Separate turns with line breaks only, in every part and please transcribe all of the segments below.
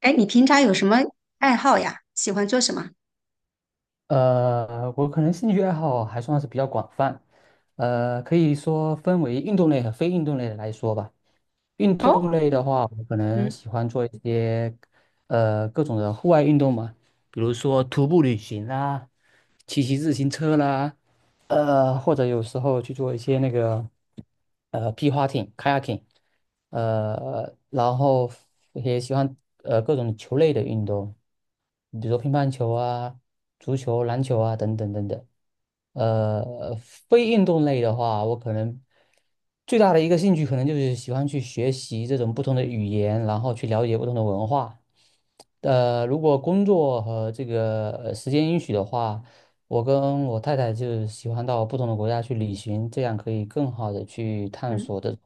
哎，你平常有什么爱好呀？喜欢做什么？
我可能兴趣爱好还算是比较广泛，可以说分为运动类和非运动类的来说吧。运
哦，
动类的话，我可能
嗯
喜欢做一些各种的户外运动嘛，比如说徒步旅行啦、骑自行车啦，或者有时候去做一些那个皮划艇 （kayaking），然后也喜欢各种球类的运动，比如说乒乓球啊、足球、篮球啊等等等等。非运动类的话，我可能最大的一个兴趣可能就是喜欢去学习这种不同的语言，然后去了解不同的文化。如果工作和这个时间允许的话，我跟我太太就喜欢到不同的国家去旅行，这样可以更好的去探
嗯，
索这种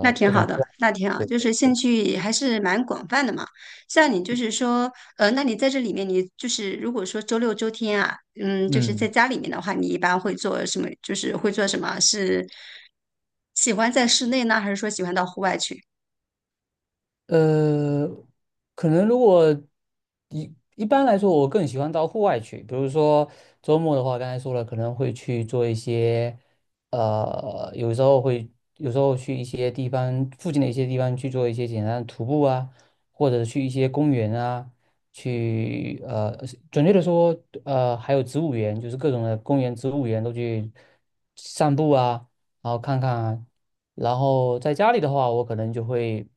那挺
各种
好的，
各样。
那挺好，
对
就
对
是兴
对，
趣还是蛮广泛的嘛。像你就是说，那你在这里面，你就是如果说周六周天啊，嗯，就是在
嗯。
家里面的话，你一般会做什么？就是会做什么？是喜欢在室内呢，还是说喜欢到户外去？
呃，可能如果一般来说，我更喜欢到户外去。比如说周末的话，刚才说了，可能会去做一些，呃，有时候会，有时候去一些地方附近的一些地方去做一些简单的徒步啊，或者去一些公园啊，去呃，准确的说，还有植物园，就是各种的公园、植物园都去散步啊。然后看看，然后在家里的话，我可能就会，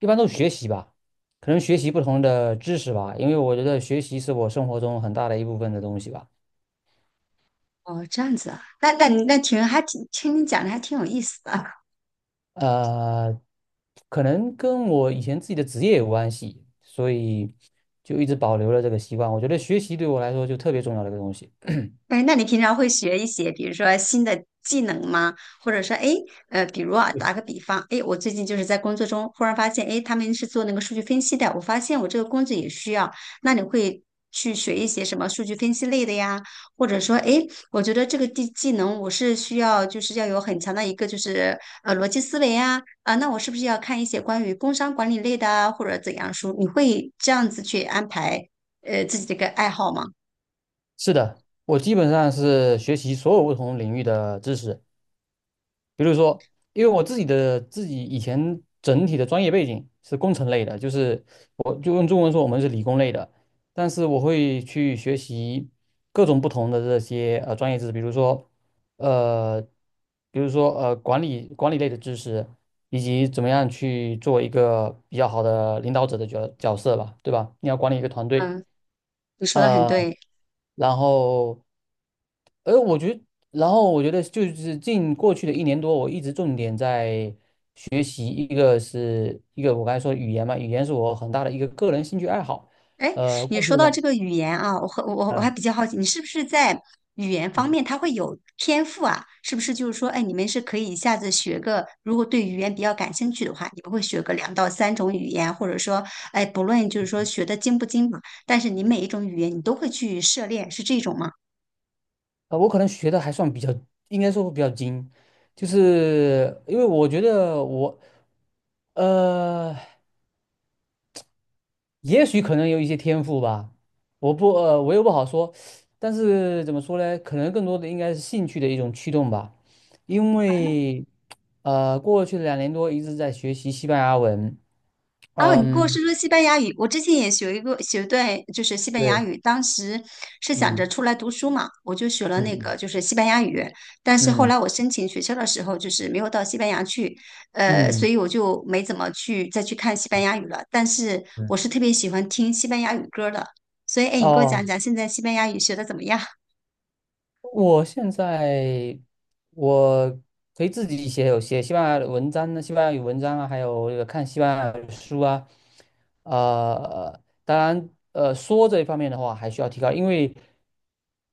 一般都是学习吧，可能学习不同的知识吧，因为我觉得学习是我生活中很大的一部分的东西吧。
哦，这样子啊，那你还挺听你讲的还挺有意思的。
呃，可能跟我以前自己的职业有关系，所以就一直保留了这个习惯。我觉得学习对我来说就特别重要的一个东西。
哎，那你平常会学一些，比如说新的技能吗？或者说，哎，比如啊，打个比方，哎，我最近就是在工作中忽然发现，哎，他们是做那个数据分析的，我发现我这个工作也需要，那你会去学一些什么数据分析类的呀？或者说，哎，我觉得这个技能我是需要，就是要有很强的一个就是逻辑思维啊，啊，那我是不是要看一些关于工商管理类的啊，或者怎样书？你会这样子去安排自己的一个爱好吗？
是的，我基本上是学习所有不同领域的知识。比如说，因为我自己的自己以前整体的专业背景是工程类的，就是我就用中文说我们是理工类的，但是我会去学习各种不同的这些专业知识，呃，比如说管理类的知识，以及怎么样去做一个比较好的领导者的角色吧，对吧？你要管理一个团队。
嗯，你说的很
呃。
对。
然后，呃，我觉得，然后我觉得就是近过去的一年多，我一直重点在学习，一个我刚才说语言嘛，语言是我很大的一个个人兴趣爱好。
哎，
呃，
你
过去
说
的
到
人，
这个语言啊，我和我我还
呃，
比较好奇，你是不是在语言方
嗯，
面他会有天赋啊？是不是就是说，哎，你们是可以一下子学个，如果对语言比较感兴趣的话，你们会学个两到三种语言，或者说，哎，不论就是说学的精不精嘛，但是你每一种语言你都会去涉猎，是这种吗？
呃，我可能学的还算比较，应该说比较精，就是因为我觉得我，呃。也许可能有一些天赋吧，我又不好说，但是怎么说呢？可能更多的应该是兴趣的一种驱动吧，因为过去的两年多一直在学习西班牙文。
哦，你跟我
嗯。
说说西班牙语，我之前也学一个学对，就是西班牙
对。
语。当时是想着
嗯
出来读书嘛，我就学了那个
嗯
就是西班牙语。但是后
嗯
来我申请学校的时候，就是没有到西班牙去，
嗯
所
嗯。
以我就没怎么再去看西班牙语了。但是
对。
我是特别喜欢听西班牙语歌的，所以哎，你给我讲
哦。
讲现在西班牙语学的怎么样？
我现在我可以自己写，有写西班牙的文章呢，西班牙语文章啊，还有这个看西班牙语书啊，当然，说这一方面的话还需要提高，因为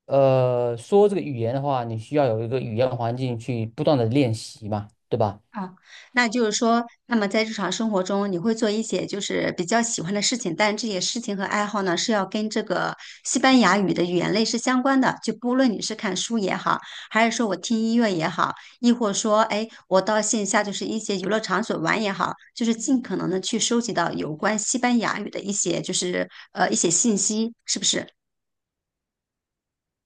说这个语言的话，你需要有一个语言环境去不断的练习嘛，对吧？
啊，那就是说，那么在日常生活中，你会做一些就是比较喜欢的事情，但这些事情和爱好呢，是要跟这个西班牙语的语言类是相关的。就不论你是看书也好，还是说我听音乐也好，亦或说，哎，我到线下就是一些娱乐场所玩也好，就是尽可能的去收集到有关西班牙语的一些就是一些信息，是不是？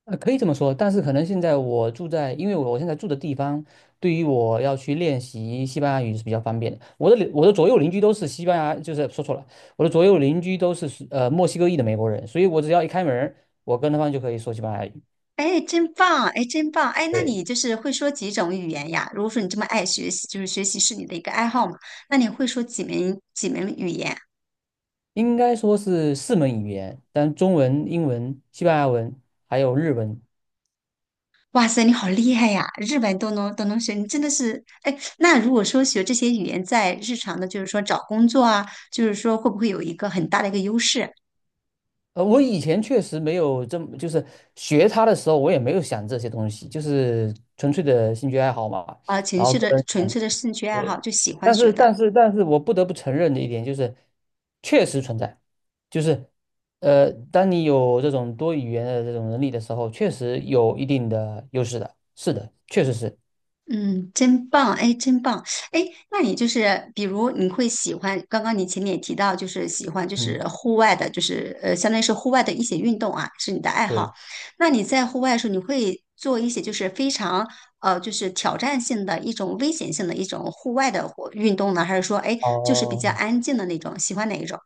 可以这么说，但是可能现在我住在，因为我现在住的地方，对于我要去练习西班牙语是比较方便的。我的左右邻居都是西班牙，就是说错了，我的左右邻居都是墨西哥裔的美国人，所以我只要一开门儿，我跟他们就可以说西班牙语。
哎，真棒！哎，真棒！哎，那
对，
你就是会说几种语言呀？如果说你这么爱学习，就是学习是你的一个爱好嘛，那你会说几门语言？
应该说是四门语言，但中文、英文、西班牙文还有日文。
哇塞，你好厉害呀！日本都能学，你真的是哎。那如果说学这些语言，在日常的，就是说找工作啊，就是说会不会有一个很大的一个优势
我以前确实没有这么，就是学它的时候，我也没有想这些东西，就是纯粹的兴趣爱好嘛。
啊？情
然后
绪
个
的
人。
纯粹的兴趣爱好，
对，
就喜欢
但
学
是
的。
但是但是我不得不承认的一点就是，确实存在，就是，当你有这种多语言的这种能力的时候，确实有一定的优势的，是的，确实是，
嗯，真棒，哎，真棒，哎，那你就是比如你会喜欢，刚刚你前面也提到，就是喜欢就是
嗯，
户外的，就是相当于是户外的一些运动啊，是你的爱好。
对，
那你在户外的时候，你会做一些就是非常就是挑战性的一种危险性的一种户外的活运动呢，还是说哎，就是比较
哦。
安静的那种？喜欢哪一种？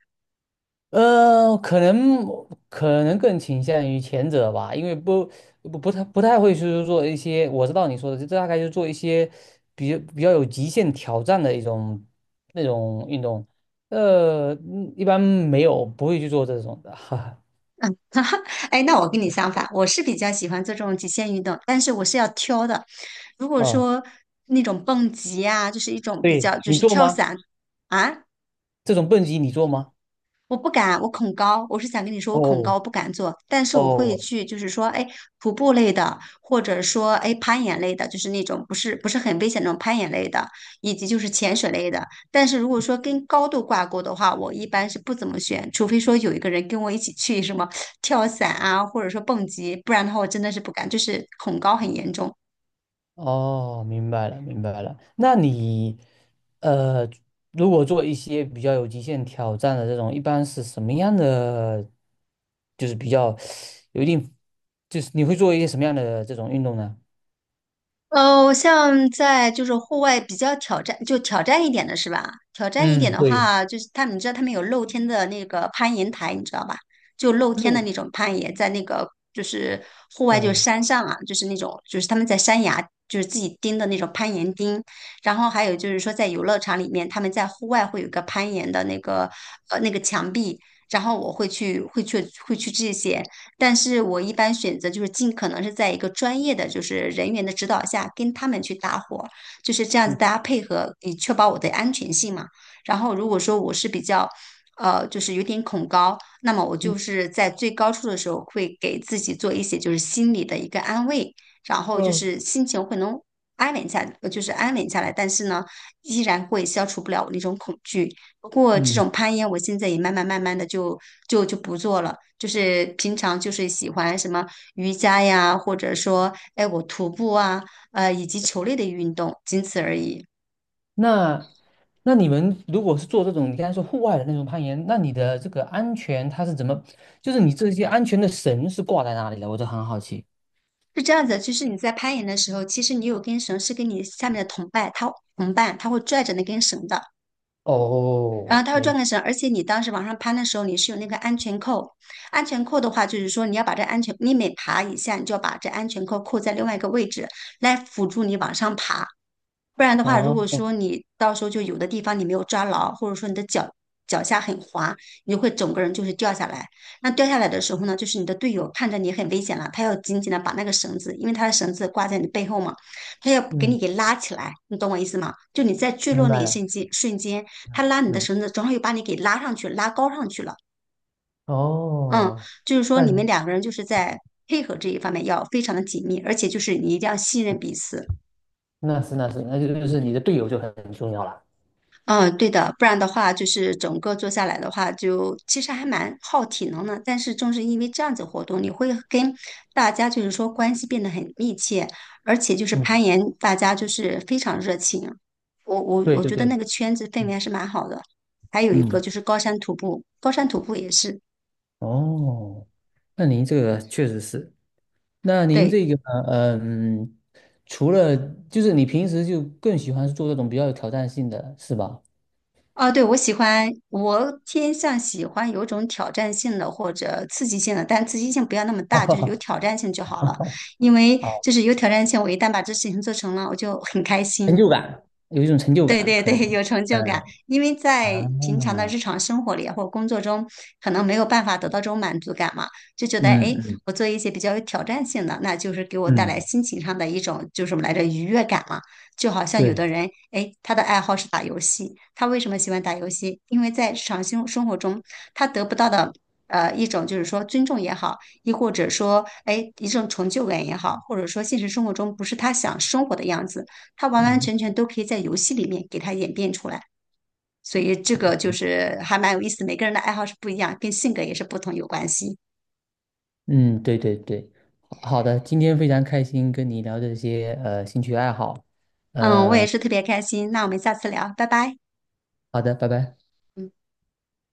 呃，可能可能更倾向于前者吧，因为不太会去做一些，我知道你说的，这大概就做一些比较有极限挑战的那种运动，一般没有不会去做这种的，哈哈。
哈哈，哎，那我跟你相反，我是比较喜欢做这种极限运动，但是我是要挑的。如果
啊，
说那种蹦极啊，就是一种比
对，
较就
你
是
做
跳
吗？
伞啊，
这种蹦极你做吗？
我不敢，我恐高。我是想跟你说，我恐高，
哦
我不敢做，但是我会
哦，
去，就是说，哎，徒步类的，或者说哎攀岩类的，就是那种不是很危险那种攀岩类的，以及就是潜水类的。但是如果说跟高度挂钩的话，我一般是不怎么选，除非说有一个人跟我一起去什么 跳伞啊，或者说蹦极，不然的话我真的是不敢，就是恐高很严重。
哦，明白了，明白了。那你，呃，如果做一些比较有极限挑战的这种，一般是什么样的？就是比较有一定，就是你会做一些什么样的这种运动呢？
哦，像在就是户外比较挑战，就挑战一点的是吧？挑战一点
嗯，
的
对，
话，就是他们，你知道他们有露天的那个攀岩台，你知道吧？就露天的
路，
那种攀岩，在那个就是户外，就是
嗯
山上啊，就是那种就是他们在山崖，就是自己钉的那种攀岩钉。然后还有就是说，在游乐场里面，他们在户外会有一个攀岩的那个墙壁。然后我会去这些，但是我一般选择就是尽可能是在一个专业的就是人员的指导下跟他们去搭伙，就是这样子大家配合，以确保我的安全性嘛。然后如果说我是比较。就是有点恐高，那么我
嗯
就是在最高处的时候，会给自己做一些就是心理的一个安慰，然后就
嗯。
是心情会能安稳下，就是安稳下来，但是呢，依然会消除不了我那种恐惧。不过这
嗯。
种攀岩，我现在也慢慢慢慢的就不做了。就是平常就是喜欢什么瑜伽呀，或者说哎我徒步啊，以及球类的运动，仅此而已。
那那你们如果是做这种你刚才说户外的那种攀岩，那你的这个安全它是怎么？就是你这些安全的绳是挂在哪里的？我就很好奇。
是这样子，就是你在攀岩的时候，其实你有根绳是跟你下面的同伴，同伴他会拽着那根绳的，然
哦，
后他会拽
明白。
根绳，而且你当时往上攀的时候，你是有那个安全扣。安全扣的话，就是说你要把这安全，你每爬一下，你就要把这安全扣扣在另外一个位置，来辅助你往上爬。不然的话，如果
哦，
说你到时候就有的地方你没有抓牢，或者说你的脚脚下很滑，你就会整个人就是掉下来。那掉下来的时候呢，就是你的队友看着你很危险了，他要紧紧的把那个绳子，因为他的绳子挂在你背后嘛，他要给你
嗯
给拉起来，你懂我意思吗？就你在坠
明
落那
白
一
了，
瞬间，瞬间他拉你的
嗯，
绳子，正好又把你给拉上去，拉高上去了。嗯，
哦，
就是说
那
你们
你
两个人就是在配合这一方面要非常的紧密，而且就是你一定要信任彼此。
那是，那就是你的队友就很重要了。
嗯，对的，不然的话，就是整个做下来的话，就其实还蛮耗体能的。但是正是因为这样子活动，你会跟大家就是说关系变得很密切，而且就是
嗯，
攀岩，大家就是非常热情。我我
对
我
对
觉得
对，
那个圈子氛围
嗯
还是蛮好的。还有一个
嗯，
就是高山徒步，高山徒步也是，
哦，那您这个确实是，那您
对。
这个嗯，除了就是你平时就更喜欢做这种比较有挑战性的是吧？
啊，对，我喜欢，我偏向喜欢有种挑战性的或者刺激性的，但刺激性不要那么大，就是有
哈哈，
挑战性就好了。
哈。
因为
好，
就是有挑战性，我一旦把这事情做成了，我就很开
成
心。
就感，有一种成就
对
感
对
可
对，
能。
有成就感，
嗯
因为在平常的
啊，
日常生活里啊或者工作中，可能没有办法得到这种满足感嘛，就觉得哎，
嗯
诶
嗯
我做一些比较有挑战性的，那就是给我带来
嗯，
心情上的一种就是什么来着愉悦感嘛。就好像有的
对。
人，哎，他的爱好是打游戏，他为什么喜欢打游戏？因为在日常生活中，他得不到的一种就是说尊重也好，亦或者说哎一种成就感也好，或者说现实生活中不是他想生活的样子。它完完
嗯。
全全都可以在游戏里面给它演变出来。所以这个就是还蛮有意思，每个人的爱好是不一样，跟性格也是不同有关系。
嗯，对对对，好好的，今天非常开心跟你聊这些兴趣爱好，
嗯，我也
呃，
是特别开心，那我们下次聊，拜拜。
好的，拜拜。
嗯。